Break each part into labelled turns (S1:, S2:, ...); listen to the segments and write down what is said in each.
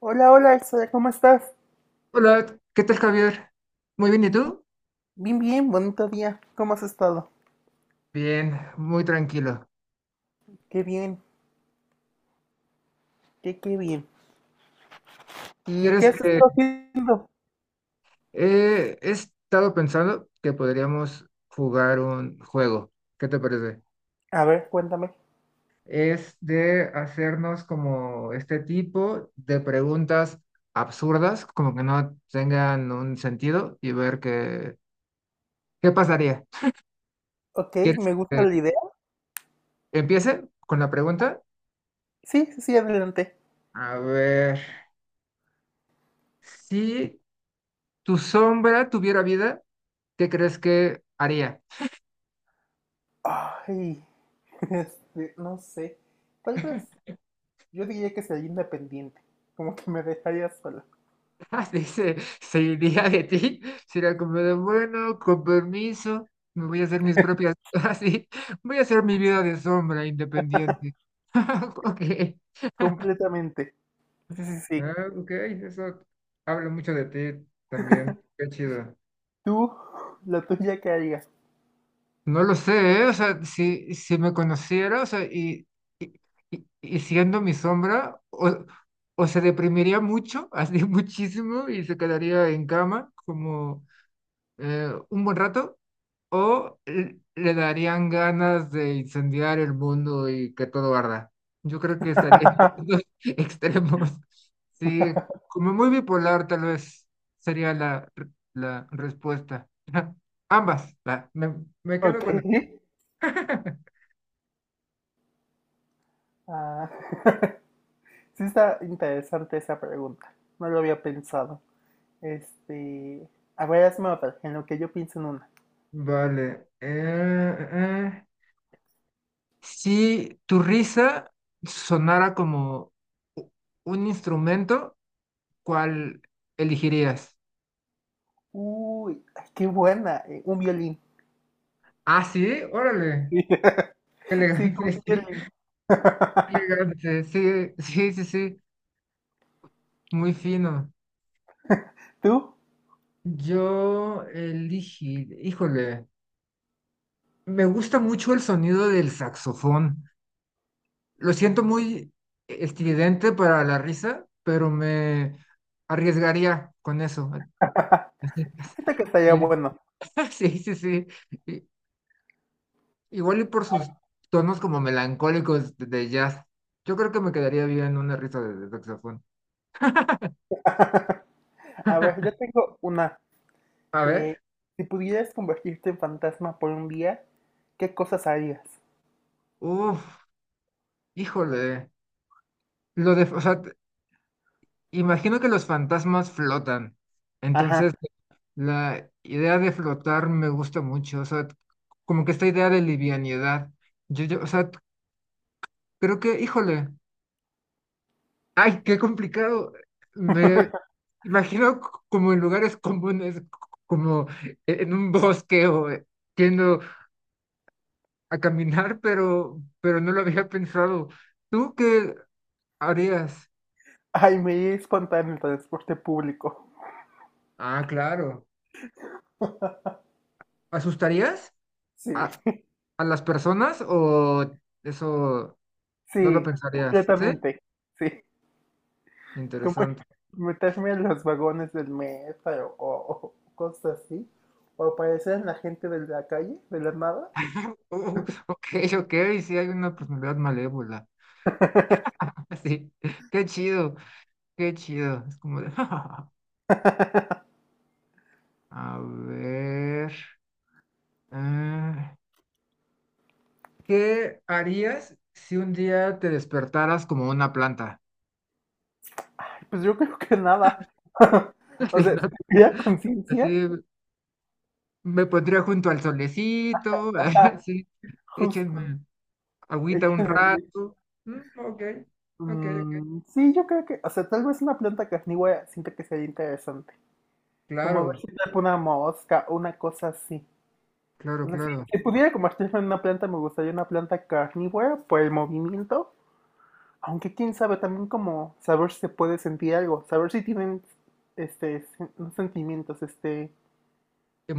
S1: Hola, hola Elsa, ¿cómo estás?
S2: Hola, ¿qué tal, Javier? Muy bien, ¿y tú?
S1: Bien, bien, bonito día. ¿Cómo has estado?
S2: Bien, muy tranquilo.
S1: Qué bien, qué bien. ¿Y qué
S2: ¿Quieres
S1: has
S2: que
S1: estado haciendo?
S2: he estado pensando que podríamos jugar un juego? ¿Qué te parece?
S1: A ver, cuéntame.
S2: Es de hacernos como este tipo de preguntas absurdas, como que no tengan un sentido y ver qué pasaría.
S1: Ok,
S2: ¿Quieres
S1: me gusta
S2: que
S1: la idea.
S2: empiece con la pregunta?
S1: Sí, sí, sí, adelante.
S2: A ver, si tu sombra tuviera vida, ¿qué crees que haría?
S1: Ay, este, no sé. Tal vez yo diría que sería independiente. Como que me dejaría sola.
S2: Dice, se iría de ti, será como de bueno, con permiso, me voy a hacer mis propias, así, voy a hacer mi vida de sombra independiente. Ok,
S1: Completamente. Sí, sí, sí.
S2: ah, ok, eso habla mucho de ti también, qué chido.
S1: Tú, la tuya qué harías.
S2: No lo sé, ¿eh? O sea, si me conociera, o sea, y, y siendo mi sombra, o se deprimiría mucho, así muchísimo, y se quedaría en cama como un buen rato o le darían ganas de incendiar el mundo y que todo arda. Yo creo que estaría en los extremos. Sí, como muy bipolar tal vez sería la respuesta. Ambas, va, me quedo
S1: Ok.
S2: con...
S1: Ah, sí está interesante esa pregunta. No lo había pensado. Este. A ver, hazme otra, en lo que yo pienso en una.
S2: Vale. Si tu risa sonara como u- un instrumento, ¿cuál elegirías?
S1: Uy, ay, qué buena. Un violín.
S2: Ah, sí, órale, qué
S1: Sí, como
S2: elegante,
S1: un
S2: sí.
S1: violín.
S2: Elegante, sí, sí, sí, sí, muy fino.
S1: ¿Tú?
S2: Yo elegí, híjole, me gusta mucho el sonido del saxofón. Lo siento muy estridente para la risa, pero me arriesgaría con eso. Así,
S1: Siento que estaría
S2: Sí,
S1: bueno.
S2: sí, sí. sí. I- Igual y por sus tonos como melancólicos de jazz. Yo creo que me quedaría bien una risa de saxofón.
S1: A ver, yo tengo una.
S2: A
S1: Eh,
S2: ver,
S1: si pudieras convertirte en fantasma por 1 día, ¿qué cosas harías?
S2: uff, híjole. Lo de, o sea, imagino que los fantasmas flotan. Entonces,
S1: Ajá.
S2: la idea de flotar me gusta mucho. O sea, como que esta idea de livianidad. Yo, o sea, creo que, híjole, ay, qué complicado. Me imagino como en lugares comunes, como en un bosque o yendo a caminar, pero no lo había pensado. ¿Tú qué harías?
S1: Ay, me iría a espantar en el transporte público.
S2: Ah, claro. ¿Asustarías
S1: Sí,
S2: a, a las personas o eso? No lo
S1: sí,
S2: pensarías, ¿sí?
S1: completamente. Sí. Como
S2: Interesante.
S1: meterme en los vagones del metro o cosas así, o aparecer en la gente de la calle, de la nada.
S2: Ok, ok, sí hay una personalidad malévola. Sí, qué chido, qué chido. Es como de... A ver, ah, ¿qué harías si un día te despertaras como una planta?
S1: Pues yo creo que nada.
S2: Así,
S1: O sea,
S2: ¿no?
S1: si tuviera
S2: Así
S1: conciencia,
S2: me pondría junto al solecito,
S1: ah,
S2: así,
S1: justo,
S2: échenme agüita un
S1: échale, güey.
S2: rato. Mm, ok, ok, ok.
S1: Mm, sí, yo creo que, o sea, tal vez una planta carnívora siento que sería interesante. Como ver
S2: Claro,
S1: si atrapa una mosca, una cosa así. O
S2: claro,
S1: sea, si,
S2: claro.
S1: si pudiera convertirme en una planta, me gustaría una planta carnívora por el movimiento. Aunque quién sabe, también como saber si se puede sentir algo, saber si tienen este no sentimientos, este,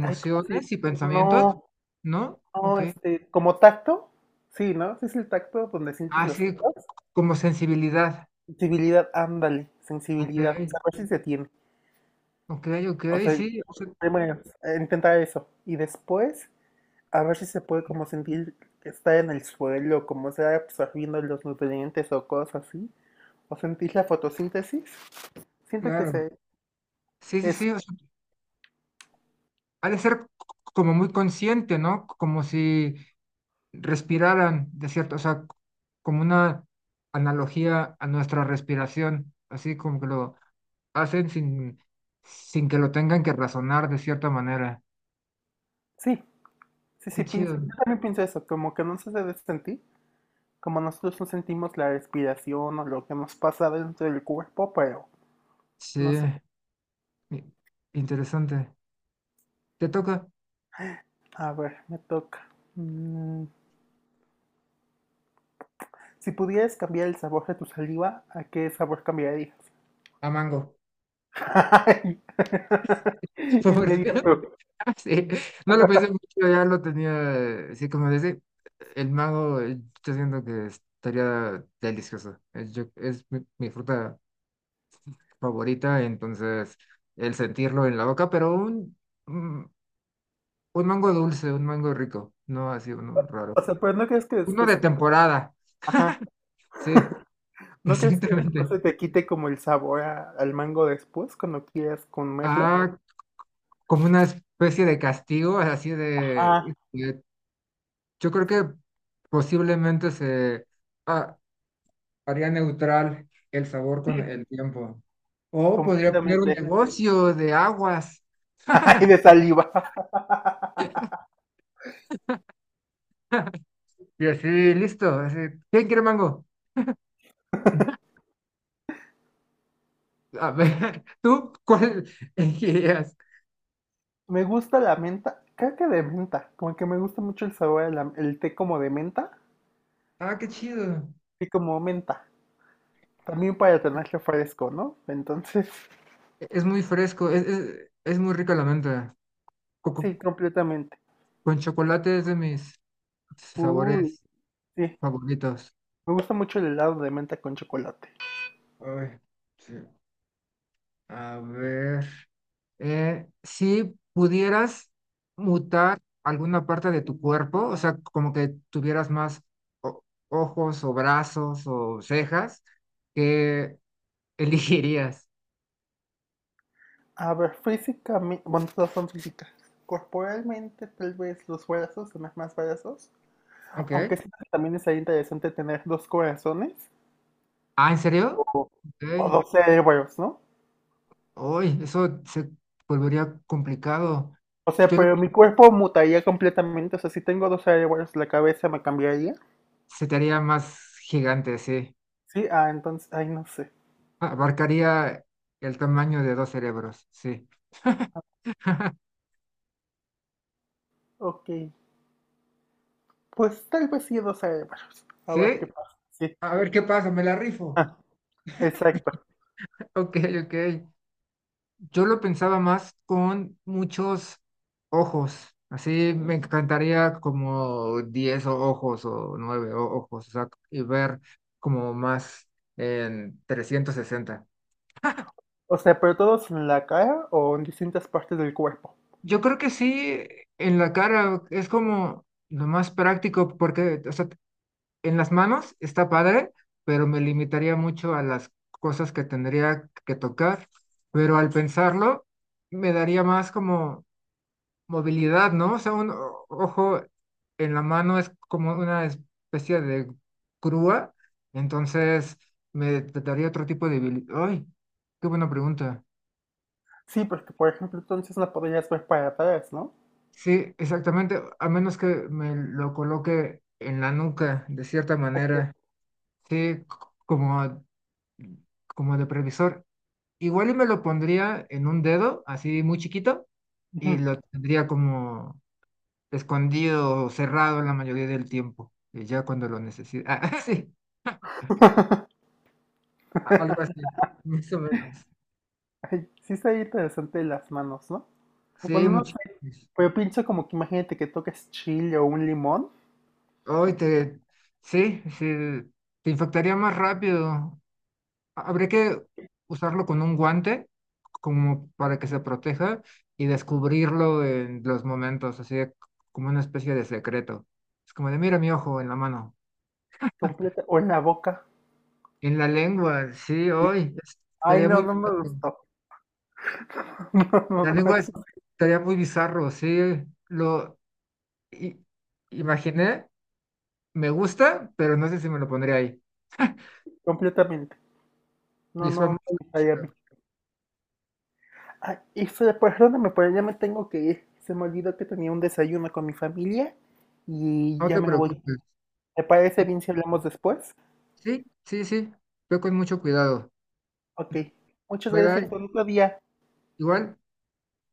S1: ay, ¿cómo se llama?
S2: y pensamientos,
S1: No,
S2: ¿no?
S1: no,
S2: Ok.
S1: este, como tacto, sí, ¿no? Sí es el tacto donde sientes
S2: Ah,
S1: las
S2: sí,
S1: cosas.
S2: como sensibilidad.
S1: Sensibilidad, ándale,
S2: Ok,
S1: sensibilidad, saber si se tiene.
S2: ok, ok,
S1: O sea,
S2: sí, o sea,
S1: primero, intentar eso. Y después, a ver si se puede como sentir que está en el suelo, como sea pues, absorbiendo los nutrientes o cosas así. O sentir la fotosíntesis. Siento que
S2: claro.
S1: se
S2: Sí, sí,
S1: es.
S2: sí, o sea, ha de ser como muy consciente, ¿no? Como si respiraran, de cierto, o sea, como una analogía a nuestra respiración, así como que lo hacen sin, sin que lo tengan que razonar de cierta manera.
S1: Sí, sí,
S2: Qué
S1: sí, pienso,
S2: chido.
S1: yo también pienso eso, como que no se debe sentir, como nosotros no sentimos la respiración o lo que nos pasa dentro del cuerpo, pero no
S2: Sí,
S1: sé.
S2: i- interesante. Te toca
S1: A ver, me toca. Mm, si pudieras cambiar el sabor de tu saliva, ¿a qué sabor cambiarías?
S2: a Mango.
S1: Ay,
S2: Fotografía,
S1: inmediato.
S2: sí. No lo pensé mucho, ya lo tenía, sí, como dice, el mango, yo siento que estaría delicioso. Es, es mi fruta favorita, entonces el sentirlo en la boca, pero un, un mango dulce, un mango rico, no así uno raro.
S1: O sea, pero no crees que
S2: Uno
S1: después
S2: de
S1: se te...
S2: temporada,
S1: Ajá.
S2: sí,
S1: ¿No crees que
S2: exactamente.
S1: después se te quite como el sabor al mango después cuando quieras comerlo?
S2: Ah, como una especie de castigo, así de,
S1: Ajá,
S2: de- yo creo que posiblemente se... ah, haría neutral el sabor con el tiempo. O podría poner un
S1: completamente.
S2: negocio de aguas
S1: Ay, de saliva.
S2: y así, listo. Así, ¿quién quiere mango? A ver, ¿tú cuál elegirías?
S1: Me gusta la menta, creo que de menta, como que me gusta mucho el sabor, de el té como de menta
S2: Ah, qué chido.
S1: y como menta, también para tenerlo fresco, ¿no? Entonces,
S2: Es muy fresco, es muy rica la menta. Co- co-
S1: sí, completamente.
S2: Con, chocolate es de mis
S1: Uy,
S2: sabores
S1: sí,
S2: favoritos.
S1: me gusta mucho el helado de menta con chocolate.
S2: Ay, sí. A ver. Si pudieras mutar alguna parte de tu cuerpo, o sea, como que tuvieras más o- ojos o brazos o cejas, ¿qué elegirías?
S1: A ver, físicamente, bueno, todas son físicas. Corporalmente, tal vez los brazos, tener más brazos,
S2: Ok.
S1: aunque siento que también es ahí interesante tener dos corazones
S2: Ah, ¿en serio?
S1: o, o
S2: Ok.
S1: dos cerebros, ¿no?
S2: Uy, eso se volvería complicado.
S1: O sea,
S2: Yo lo-
S1: pero mi cuerpo mutaría completamente. O sea, si tengo dos cerebros, la cabeza me cambiaría.
S2: Se te haría más gigante, sí.
S1: Sí, ah, entonces, ay, no sé.
S2: Abarcaría el tamaño de 2 cerebros, sí.
S1: Ok. Pues tal vez sí dos cerebros. A
S2: Sí,
S1: ver qué pasa. Sí.
S2: a ver qué pasa, me la rifo.
S1: Ah, exacto.
S2: Ok, ok. Yo lo pensaba más con muchos ojos. Así me encantaría como 10 ojos o 9 ojos, o sea, y ver como más en 360.
S1: O sea, pero todos en la cara o en distintas partes del cuerpo.
S2: Yo creo que sí, en la cara es como lo más práctico porque, o sea, en las manos está padre, pero me limitaría mucho a las cosas que tendría que tocar, pero al pensarlo me daría más como movilidad, ¿no? O sea, un ojo en la mano es como una especie de grúa, entonces me daría otro tipo de habilidad. ¡Ay! ¡Qué buena pregunta!
S1: Sí, porque por ejemplo, entonces no podrías ver para atrás, ¿no?
S2: Sí, exactamente, a menos que me lo coloque en la nuca, de cierta
S1: Exacto.
S2: manera, sí, como, como de previsor. Igual y me lo pondría en un dedo, así muy chiquito, y
S1: Ujú.
S2: lo tendría como escondido o cerrado la mayoría del tiempo, ya cuando lo necesito. Ah, sí, algo así, más o menos.
S1: Ay, sí está interesante las manos, ¿no?
S2: Sí,
S1: Bueno, no sé,
S2: muchísimos.
S1: pero pienso como que imagínate que toques chile o un limón
S2: Hoy te, sí, sí, te infectaría más rápido. Habría que usarlo con un guante, como para que se proteja, y descubrirlo en los momentos, así de como una especie de secreto. Es como de, mira mi ojo en la mano,
S1: completa o en la boca.
S2: en la lengua, sí, hoy,
S1: Ay,
S2: estaría
S1: no,
S2: muy...
S1: no me gustó. No, no,
S2: La
S1: no,
S2: lengua
S1: eso
S2: estaría muy bizarro, sí. Lo i- imaginé, me gusta, pero no sé si me lo pondría ahí.
S1: sí, completamente. No, no
S2: Visualmente
S1: me
S2: está
S1: gustaría a mí.
S2: chido.
S1: Ah, y perdóname, pero ya me tengo que ir. Se me olvidó que tenía un desayuno con mi familia y
S2: No
S1: ya
S2: te
S1: me voy.
S2: preocupes.
S1: ¿Te parece bien si hablamos después?
S2: Sí, sí, sí. Ve con mucho cuidado.
S1: Ok. Muchas
S2: Bye,
S1: gracias
S2: bye.
S1: por otro día.
S2: Igual.